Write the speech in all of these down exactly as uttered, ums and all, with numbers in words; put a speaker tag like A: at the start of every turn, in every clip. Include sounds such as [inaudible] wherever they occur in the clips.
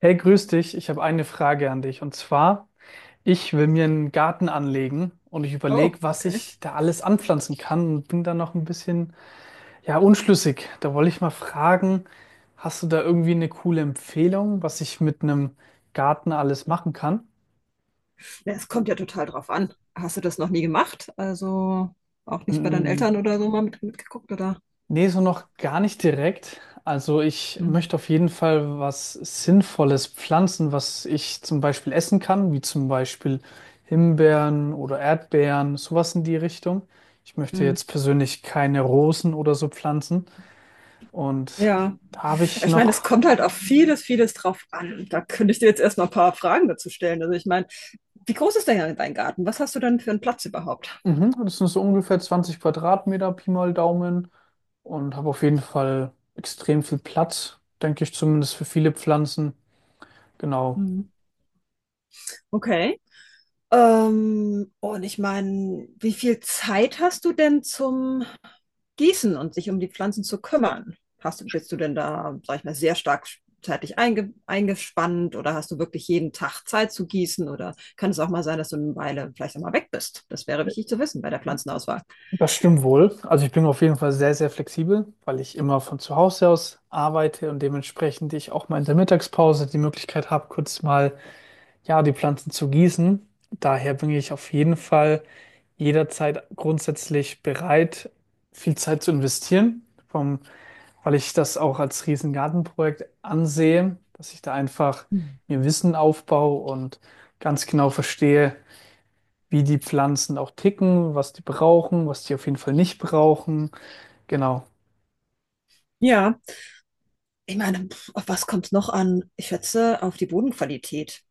A: Hey, grüß dich. Ich habe eine Frage an dich. Und zwar, ich will mir einen Garten anlegen und ich
B: Oh,
A: überlege, was
B: okay.
A: ich da alles anpflanzen kann und bin da noch ein bisschen, ja, unschlüssig. Da wollte ich mal fragen, hast du da irgendwie eine coole Empfehlung, was ich mit einem Garten alles machen kann?
B: Ja, es kommt ja total drauf an. Hast du das noch nie gemacht? Also auch nicht bei deinen
A: Mm,
B: Eltern oder so mal mit, mitgeguckt, oder?
A: nee, so noch gar nicht direkt. Also ich
B: Hm.
A: möchte auf jeden Fall was Sinnvolles pflanzen, was ich zum Beispiel essen kann, wie zum Beispiel Himbeeren oder Erdbeeren, sowas in die Richtung. Ich möchte
B: Hm.
A: jetzt persönlich keine Rosen oder so pflanzen. Und
B: Ja,
A: da habe ich
B: ich meine, es
A: noch,
B: kommt halt auf vieles, vieles drauf an. Da könnte ich dir jetzt erstmal ein paar Fragen dazu stellen. Also ich meine, wie groß ist denn dein Garten? Was hast du denn für einen Platz überhaupt?
A: mhm, das sind so ungefähr zwanzig Quadratmeter, Pi mal Daumen, und habe auf jeden Fall extrem viel Platz, denke ich zumindest für viele Pflanzen. Genau.
B: Hm. Okay. Ähm, und ich meine, wie viel Zeit hast du denn zum Gießen und sich um die Pflanzen zu kümmern? Hast du, bist du denn da, sag ich mal, sehr stark zeitlich einge eingespannt oder hast du wirklich jeden Tag Zeit zu gießen oder kann es auch mal sein, dass du eine Weile vielleicht auch mal weg bist? Das wäre wichtig zu wissen bei der Pflanzenauswahl.
A: Das stimmt wohl. Also ich bin auf jeden Fall sehr, sehr flexibel, weil ich immer von zu Hause aus arbeite und dementsprechend ich auch mal in der Mittagspause die Möglichkeit habe, kurz mal, ja, die Pflanzen zu gießen. Daher bin ich auf jeden Fall jederzeit grundsätzlich bereit, viel Zeit zu investieren, vom, weil ich das auch als Riesengartenprojekt ansehe, dass ich da einfach
B: Hm.
A: mir Wissen aufbaue und ganz genau verstehe, wie die Pflanzen auch ticken, was die brauchen, was die auf jeden Fall nicht brauchen. Genau.
B: Ja, ich meine, pf, auf was kommt es noch an? Ich schätze auf die Bodenqualität.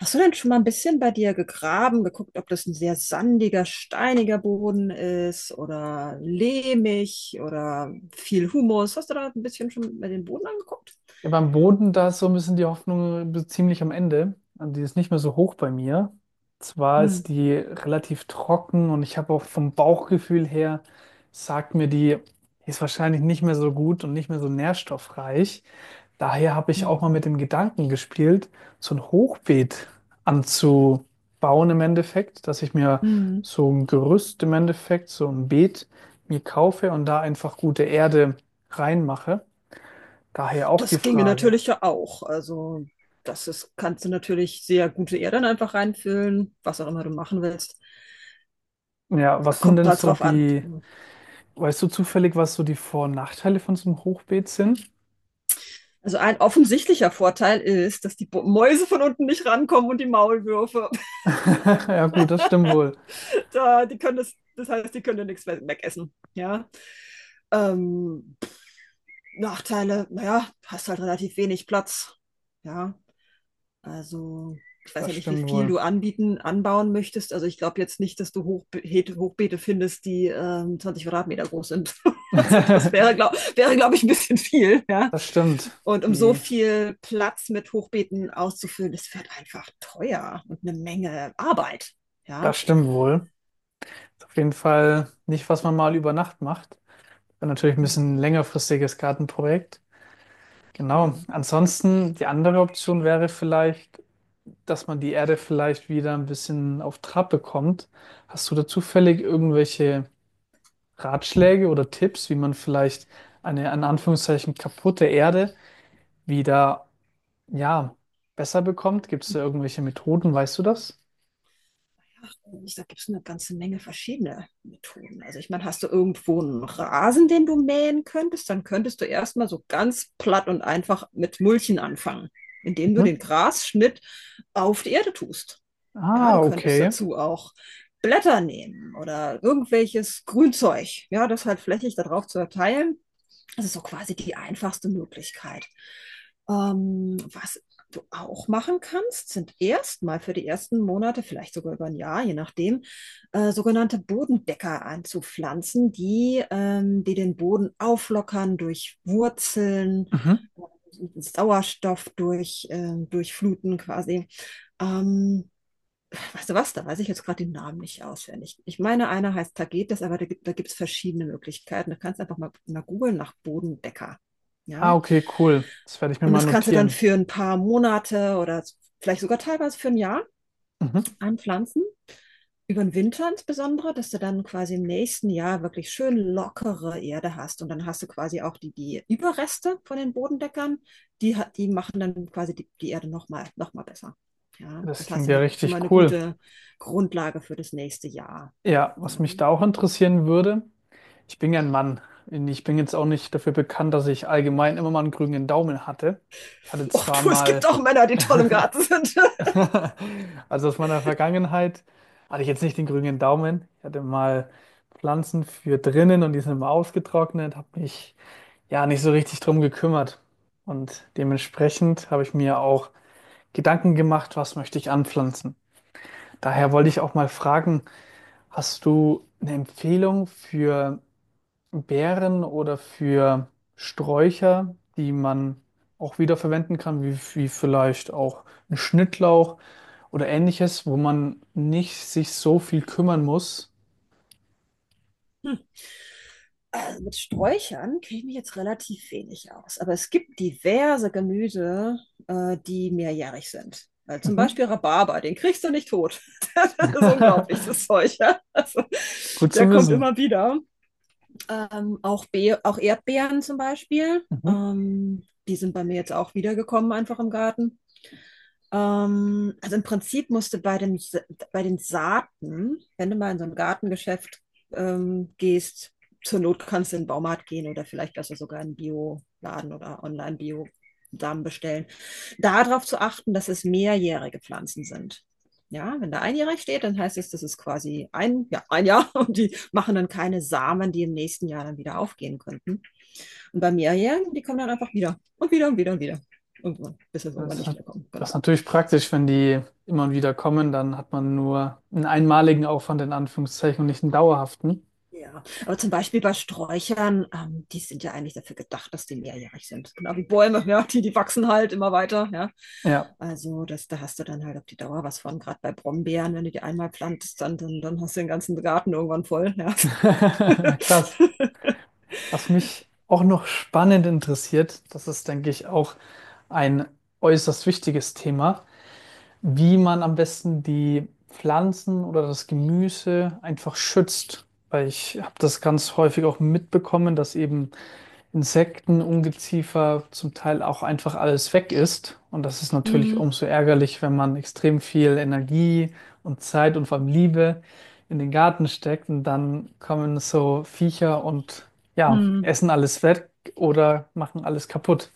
B: Hast du denn schon mal ein bisschen bei dir gegraben, geguckt, ob das ein sehr sandiger, steiniger Boden ist oder lehmig oder viel Humus? Hast du da ein bisschen schon mal den Boden angeguckt?
A: Ja, beim Boden, da ist so ein bisschen die Hoffnung be- ziemlich am Ende. Also die ist nicht mehr so hoch bei mir. Zwar
B: Hm.
A: ist die relativ trocken und ich habe auch vom Bauchgefühl her, sagt mir die, ist wahrscheinlich nicht mehr so gut und nicht mehr so nährstoffreich. Daher habe ich auch mal
B: Hm.
A: mit dem Gedanken gespielt, so ein Hochbeet anzubauen im Endeffekt, dass ich mir
B: Hm.
A: so ein Gerüst im Endeffekt, so ein Beet mir kaufe und da einfach gute Erde reinmache. Daher auch die
B: Das ginge
A: Frage.
B: natürlich ja auch. Also, das ist, kannst du natürlich sehr gute Erde dann einfach reinfüllen, was auch immer du machen willst.
A: Ja, was sind
B: Kommt
A: denn
B: halt
A: so
B: drauf an.
A: die,
B: Ja.
A: weißt du zufällig, was so die Vor- und Nachteile von so einem Hochbeet sind? [laughs]
B: Also ein offensichtlicher Vorteil ist, dass die Bo- Mäuse von unten nicht rankommen und die Maulwürfe.
A: Ja, gut, das stimmt wohl.
B: Äh, die können das, das heißt, die können ja nichts we- wegessen. Ja. Ähm, Nachteile, naja, hast halt relativ wenig Platz. Ja. Also, ich weiß
A: Das
B: ja nicht, wie
A: stimmt
B: viel
A: wohl.
B: du anbieten, anbauen möchtest. Also ich glaube jetzt nicht, dass du Hochbe Hochbeete findest, die ähm, zwanzig Quadratmeter groß sind. [laughs] Also das wäre,
A: [laughs]
B: glaube wäre, glaub ich, ein bisschen viel. Ja?
A: Das stimmt.
B: Und um so
A: Die,
B: viel Platz mit Hochbeeten auszufüllen, das wird einfach teuer und eine Menge Arbeit. Ja.
A: das stimmt wohl. Ist auf jeden Fall nicht, was man mal über Nacht macht. Wäre natürlich ein bisschen längerfristiges Gartenprojekt. Genau.
B: Ja.
A: Ansonsten, die andere Option wäre vielleicht, dass man die Erde vielleicht wieder ein bisschen auf Trab bekommt. Hast du da zufällig irgendwelche Ratschläge oder Tipps, wie man vielleicht eine, in Anführungszeichen, kaputte Erde wieder, ja, besser bekommt? Gibt es da irgendwelche Methoden? Weißt du das?
B: Da gibt es eine ganze Menge verschiedene Methoden. Also ich meine, hast du irgendwo einen Rasen, den du mähen könntest, dann könntest du erstmal so ganz platt und einfach mit Mulchen anfangen, indem du den
A: Mhm.
B: Grasschnitt auf die Erde tust. Ja,
A: Ah,
B: du könntest
A: okay.
B: dazu auch Blätter nehmen oder irgendwelches Grünzeug, ja, das halt flächig darauf zu verteilen. Das ist so quasi die einfachste Möglichkeit. Ähm, was du auch machen kannst, sind erstmal für die ersten Monate, vielleicht sogar über ein Jahr, je nachdem, äh, sogenannte Bodendecker anzupflanzen, die, ähm, die den Boden auflockern durch Wurzeln,
A: Mhm.
B: Sauerstoff durch, äh, durch Fluten quasi. Ähm, Weißt du was, da weiß ich jetzt gerade den Namen nicht auswendig. Ich meine, einer heißt Tagetes, aber da gibt, da gibt es verschiedene Möglichkeiten. Du kannst einfach mal, mal googeln nach Bodendecker.
A: Ah,
B: Ja?
A: okay, cool. Das werde ich mir
B: Und
A: mal
B: das kannst du dann
A: notieren.
B: für ein paar Monate oder vielleicht sogar teilweise für ein Jahr
A: Mhm.
B: anpflanzen. Über den Winter insbesondere, dass du dann quasi im nächsten Jahr wirklich schön lockere Erde hast. Und dann hast du quasi auch die, die Überreste von den Bodendeckern, die, die machen dann quasi die, die Erde nochmal noch mal besser. Ja,
A: Das
B: das heißt,
A: klingt ja
B: eine, schon mal eine
A: richtig cool.
B: gute Grundlage für das nächste Jahr.
A: Ja, was
B: Ja.
A: mich da auch interessieren würde, ich bin ja ein Mann. Ich bin jetzt auch nicht dafür bekannt, dass ich allgemein immer mal einen grünen Daumen hatte. Ich hatte
B: Och
A: zwar
B: du, es gibt
A: mal.
B: auch Männer, die toll im Garten sind.
A: [laughs] Also aus meiner Vergangenheit hatte ich jetzt nicht den grünen Daumen. Ich hatte mal Pflanzen für drinnen und die sind immer ausgetrocknet, habe mich ja nicht so richtig drum gekümmert. Und dementsprechend habe ich mir auch Gedanken gemacht, was möchte ich anpflanzen. Daher wollte ich auch mal fragen, hast du eine Empfehlung für Beeren oder für Sträucher, die man auch wiederverwenden kann, wie, wie vielleicht auch ein Schnittlauch oder ähnliches, wo man nicht sich so viel kümmern muss.
B: [laughs] Also mit Sträuchern kenne ich mich jetzt relativ wenig aus, aber es gibt diverse Gemüse, äh, die mehrjährig sind. Äh, zum
A: Mhm.
B: Beispiel Rhabarber, den kriegst du nicht tot. Das ist unglaublich,
A: [laughs]
B: das Zeug. Ja? Also,
A: Gut
B: der
A: zu
B: kommt
A: wissen.
B: immer wieder. Ähm, auch, Be auch Erdbeeren zum Beispiel.
A: Mhm.
B: Ähm, die sind bei mir jetzt auch wiedergekommen, einfach im Garten. Ähm, also im Prinzip musst du bei den, Sa- bei den Saaten, wenn du mal in so ein Gartengeschäft ähm, gehst, zur Not kannst du in den Baumarkt gehen oder vielleicht besser sogar in einen Bioladen oder Online-Bio-Samen bestellen. Darauf zu achten, dass es mehrjährige Pflanzen sind. Ja, wenn da einjährig steht, dann heißt es, das ist quasi ein, ja, ein Jahr [laughs] und die machen dann keine Samen, die im nächsten Jahr dann wieder aufgehen könnten. Und bei mehrjährigen, die kommen dann einfach wieder und wieder und wieder und wieder. Irgendwann, bis sie irgendwann
A: Das
B: nicht
A: hat,
B: wiederkommen.
A: das
B: Genau.
A: ist natürlich praktisch, wenn die immer wieder kommen, dann hat man nur einen einmaligen Aufwand in Anführungszeichen und nicht einen dauerhaften.
B: Ja, aber zum Beispiel bei Sträuchern, ähm, die sind ja eigentlich dafür gedacht, dass die mehrjährig sind. Genau wie Bäume, [laughs] ja, die, die wachsen halt immer weiter, ja.
A: Ja,
B: Also das, da hast du dann halt auf die Dauer was von, gerade bei Brombeeren, wenn du die einmal pflanzt, dann, dann, dann hast du den ganzen Garten irgendwann voll, ja.
A: [laughs] krass.
B: [laughs]
A: Was mich auch noch spannend interessiert, das ist, denke ich, auch ein äußerst wichtiges Thema, wie man am besten die Pflanzen oder das Gemüse einfach schützt. Weil ich habe das ganz häufig auch mitbekommen, dass eben Insekten, Ungeziefer zum Teil auch einfach alles weg ist. Und das ist natürlich
B: Hm,
A: umso ärgerlich, wenn man extrem viel Energie und Zeit und vor allem Liebe in den Garten steckt und dann kommen so Viecher und ja,
B: hm.
A: essen alles weg oder machen alles kaputt.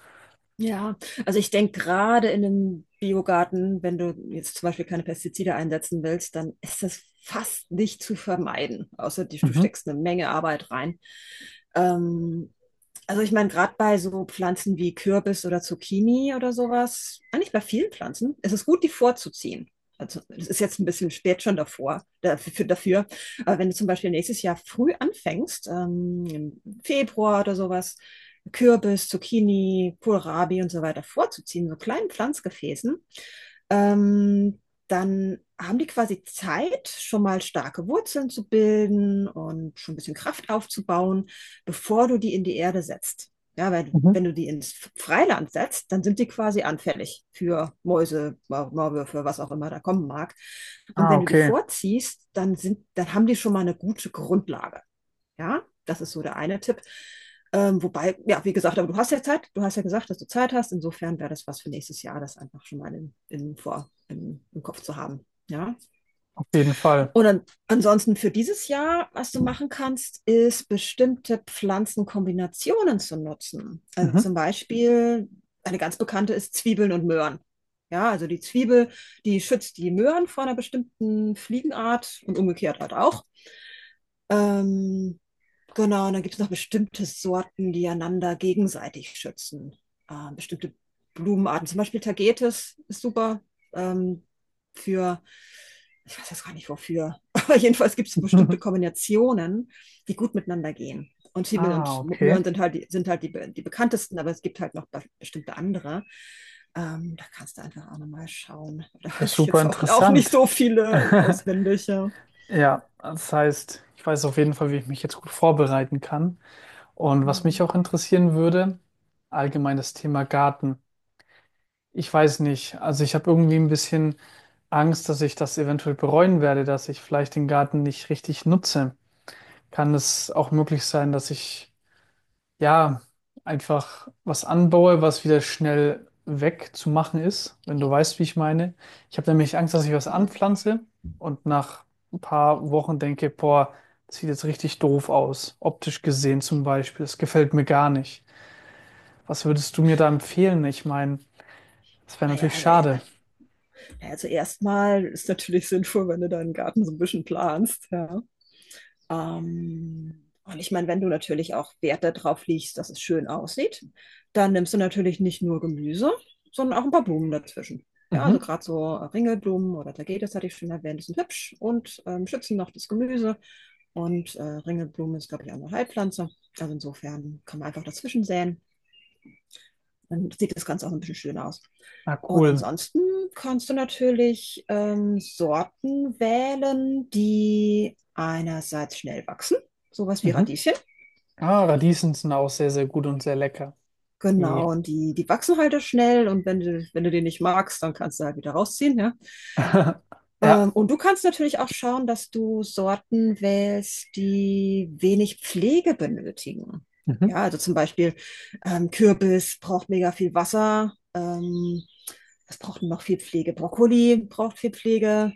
B: Ja, also ich denke gerade in einem Biogarten, wenn du jetzt zum Beispiel keine Pestizide einsetzen willst, dann ist das fast nicht zu vermeiden, außer die, du
A: Mhm.
B: steckst eine Menge Arbeit rein. Ähm, also ich meine, gerade bei so Pflanzen wie Kürbis oder Zucchini oder sowas, eigentlich bei vielen Pflanzen, ist es gut, die vorzuziehen. Also es ist jetzt ein bisschen spät schon davor, dafür, dafür. Aber wenn du zum Beispiel nächstes Jahr früh anfängst, ähm, im Februar oder sowas, Kürbis, Zucchini, Kohlrabi und so weiter vorzuziehen, so kleinen Pflanzgefäßen. Ähm, Dann haben die quasi Zeit, schon mal starke Wurzeln zu bilden und schon ein bisschen Kraft aufzubauen, bevor du die in die Erde setzt. Ja, weil wenn
A: Mhm.
B: du die ins Freiland setzt, dann sind die quasi anfällig für Mäuse, Maulwürfe, was auch immer da kommen mag. Und
A: Ah,
B: wenn du die
A: okay,
B: vorziehst, dann sind, dann haben die schon mal eine gute Grundlage. Ja, das ist so der eine Tipp. Ähm, wobei, ja, wie gesagt, aber du hast ja Zeit, du hast ja gesagt, dass du Zeit hast. Insofern wäre das was für nächstes Jahr, das einfach schon mal in, in, vor, im, im Kopf zu haben. Ja.
A: auf jeden Fall.
B: Und an, Ansonsten für dieses Jahr, was du machen kannst, ist bestimmte Pflanzenkombinationen zu nutzen. Also zum
A: Mhm.
B: Beispiel, eine ganz bekannte ist Zwiebeln und Möhren. Ja, also die Zwiebel, die schützt die Möhren vor einer bestimmten Fliegenart und umgekehrt halt auch. Ähm, Genau, und dann gibt es noch bestimmte Sorten, die einander gegenseitig schützen. Ähm, bestimmte Blumenarten, zum Beispiel Tagetes ist super ähm, für, ich weiß jetzt gar nicht wofür, [laughs] aber jedenfalls gibt es bestimmte
A: [laughs]
B: Kombinationen, die gut miteinander gehen. Und Zwiebeln
A: Ah,
B: und
A: okay.
B: Möhren sind halt, die, sind halt die, die bekanntesten, aber es gibt halt noch bestimmte andere. Ähm, da kannst du einfach auch nochmal schauen. [laughs] Da
A: Ja,
B: weiß ich
A: super
B: jetzt auch, auch nicht
A: interessant.
B: so
A: [laughs]
B: viele auswendig. Ja.
A: Ja, das heißt, ich weiß auf jeden Fall, wie ich mich jetzt gut vorbereiten kann. Und was mich
B: Mhm.
A: auch interessieren würde, allgemein das Thema Garten. Ich weiß nicht, also ich habe irgendwie ein bisschen Angst, dass ich das eventuell bereuen werde, dass ich vielleicht den Garten nicht richtig nutze. Kann es auch möglich sein, dass ich ja, einfach was anbaue, was wieder schnell wegzumachen ist, wenn du weißt, wie ich meine. Ich habe nämlich Angst, dass ich was
B: Hm.
A: anpflanze und nach ein paar Wochen denke, boah, das sieht jetzt richtig doof aus, optisch gesehen zum Beispiel. Das gefällt mir gar nicht. Was würdest du mir da empfehlen? Ich meine, das wäre
B: Naja,
A: natürlich
B: also
A: schade.
B: Also erstmal ist natürlich [laughs] sinnvoll, wenn du deinen Garten so ein bisschen planst, ja. Ähm, und ich meine, wenn du natürlich auch Wert darauf legst, dass es schön aussieht, dann nimmst du natürlich nicht nur Gemüse, sondern auch ein paar Blumen dazwischen. Ja, also
A: Mhm.
B: gerade so Ringelblumen oder Tagetes hatte ich schon erwähnt, die sind hübsch und ähm, schützen noch das Gemüse. Und äh, Ringelblume ist, glaube ich, auch eine Heilpflanze. Also insofern kann man einfach dazwischen säen. Dann sieht das Ganze auch so ein bisschen schön aus.
A: Ah,
B: Und
A: cool.
B: ansonsten kannst du natürlich ähm, Sorten wählen, die einerseits schnell wachsen, sowas wie
A: Mhm.
B: Radieschen.
A: Ah, Radieschen sind auch sehr, sehr gut und sehr lecker. Yeah.
B: Genau, und die, die wachsen halt auch schnell und wenn du, wenn du den nicht magst, dann kannst du halt wieder rausziehen, ja.
A: [laughs] Ja,
B: Ähm, und du kannst natürlich auch schauen, dass du Sorten wählst, die wenig Pflege benötigen.
A: mhm.
B: Ja, also zum Beispiel ähm, Kürbis braucht mega viel Wasser. Ähm, was braucht noch viel Pflege? Brokkoli braucht viel Pflege.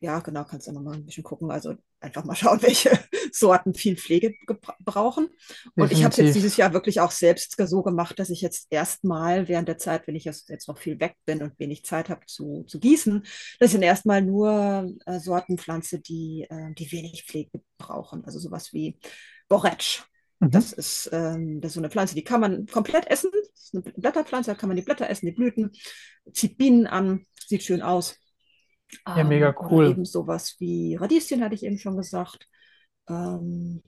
B: Ja, genau, kannst du noch mal ein bisschen gucken. Also einfach mal schauen, welche [laughs] Sorten viel Pflege gebra- brauchen. Und ich habe es jetzt
A: Definitiv.
B: dieses Jahr wirklich auch selbst so gemacht, dass ich jetzt erstmal während der Zeit, wenn ich jetzt jetzt noch viel weg bin und wenig Zeit habe zu, zu gießen, das sind erstmal nur äh, Sorten pflanze, die, äh, die wenig Pflege brauchen. Also sowas wie Borretsch.
A: Mhm.
B: Das ist, ähm, das ist so eine Pflanze, die kann man komplett essen. Das ist eine Blätterpflanze, da kann man die Blätter essen, die Blüten. Zieht Bienen an, sieht schön aus.
A: Ja, mega
B: Ähm, oder
A: cool.
B: eben sowas wie Radieschen, hatte ich eben schon gesagt. Ähm,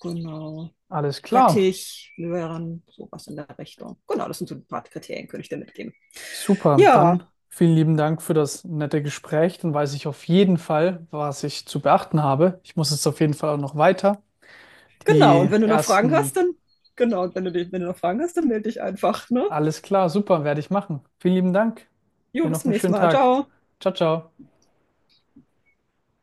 B: genau.
A: Alles klar.
B: Rettich, Möhren, sowas in der Richtung. Genau, das sind so ein paar Kriterien, könnte ich dir mitgeben.
A: Super,
B: Ja,
A: dann vielen lieben Dank für das nette Gespräch. Dann weiß ich auf jeden Fall, was ich zu beachten habe. Ich muss jetzt auf jeden Fall auch noch weiter.
B: genau. Und
A: Die
B: wenn du noch Fragen
A: ersten,
B: hast, dann, genau, wenn du, wenn du noch Fragen hast, dann melde dich einfach, ne?
A: alles klar, super, werde ich machen. Vielen lieben Dank.
B: Jo,
A: Dir
B: bis
A: noch
B: zum
A: einen
B: nächsten
A: schönen
B: Mal.
A: Tag.
B: Ciao.
A: Ciao, ciao.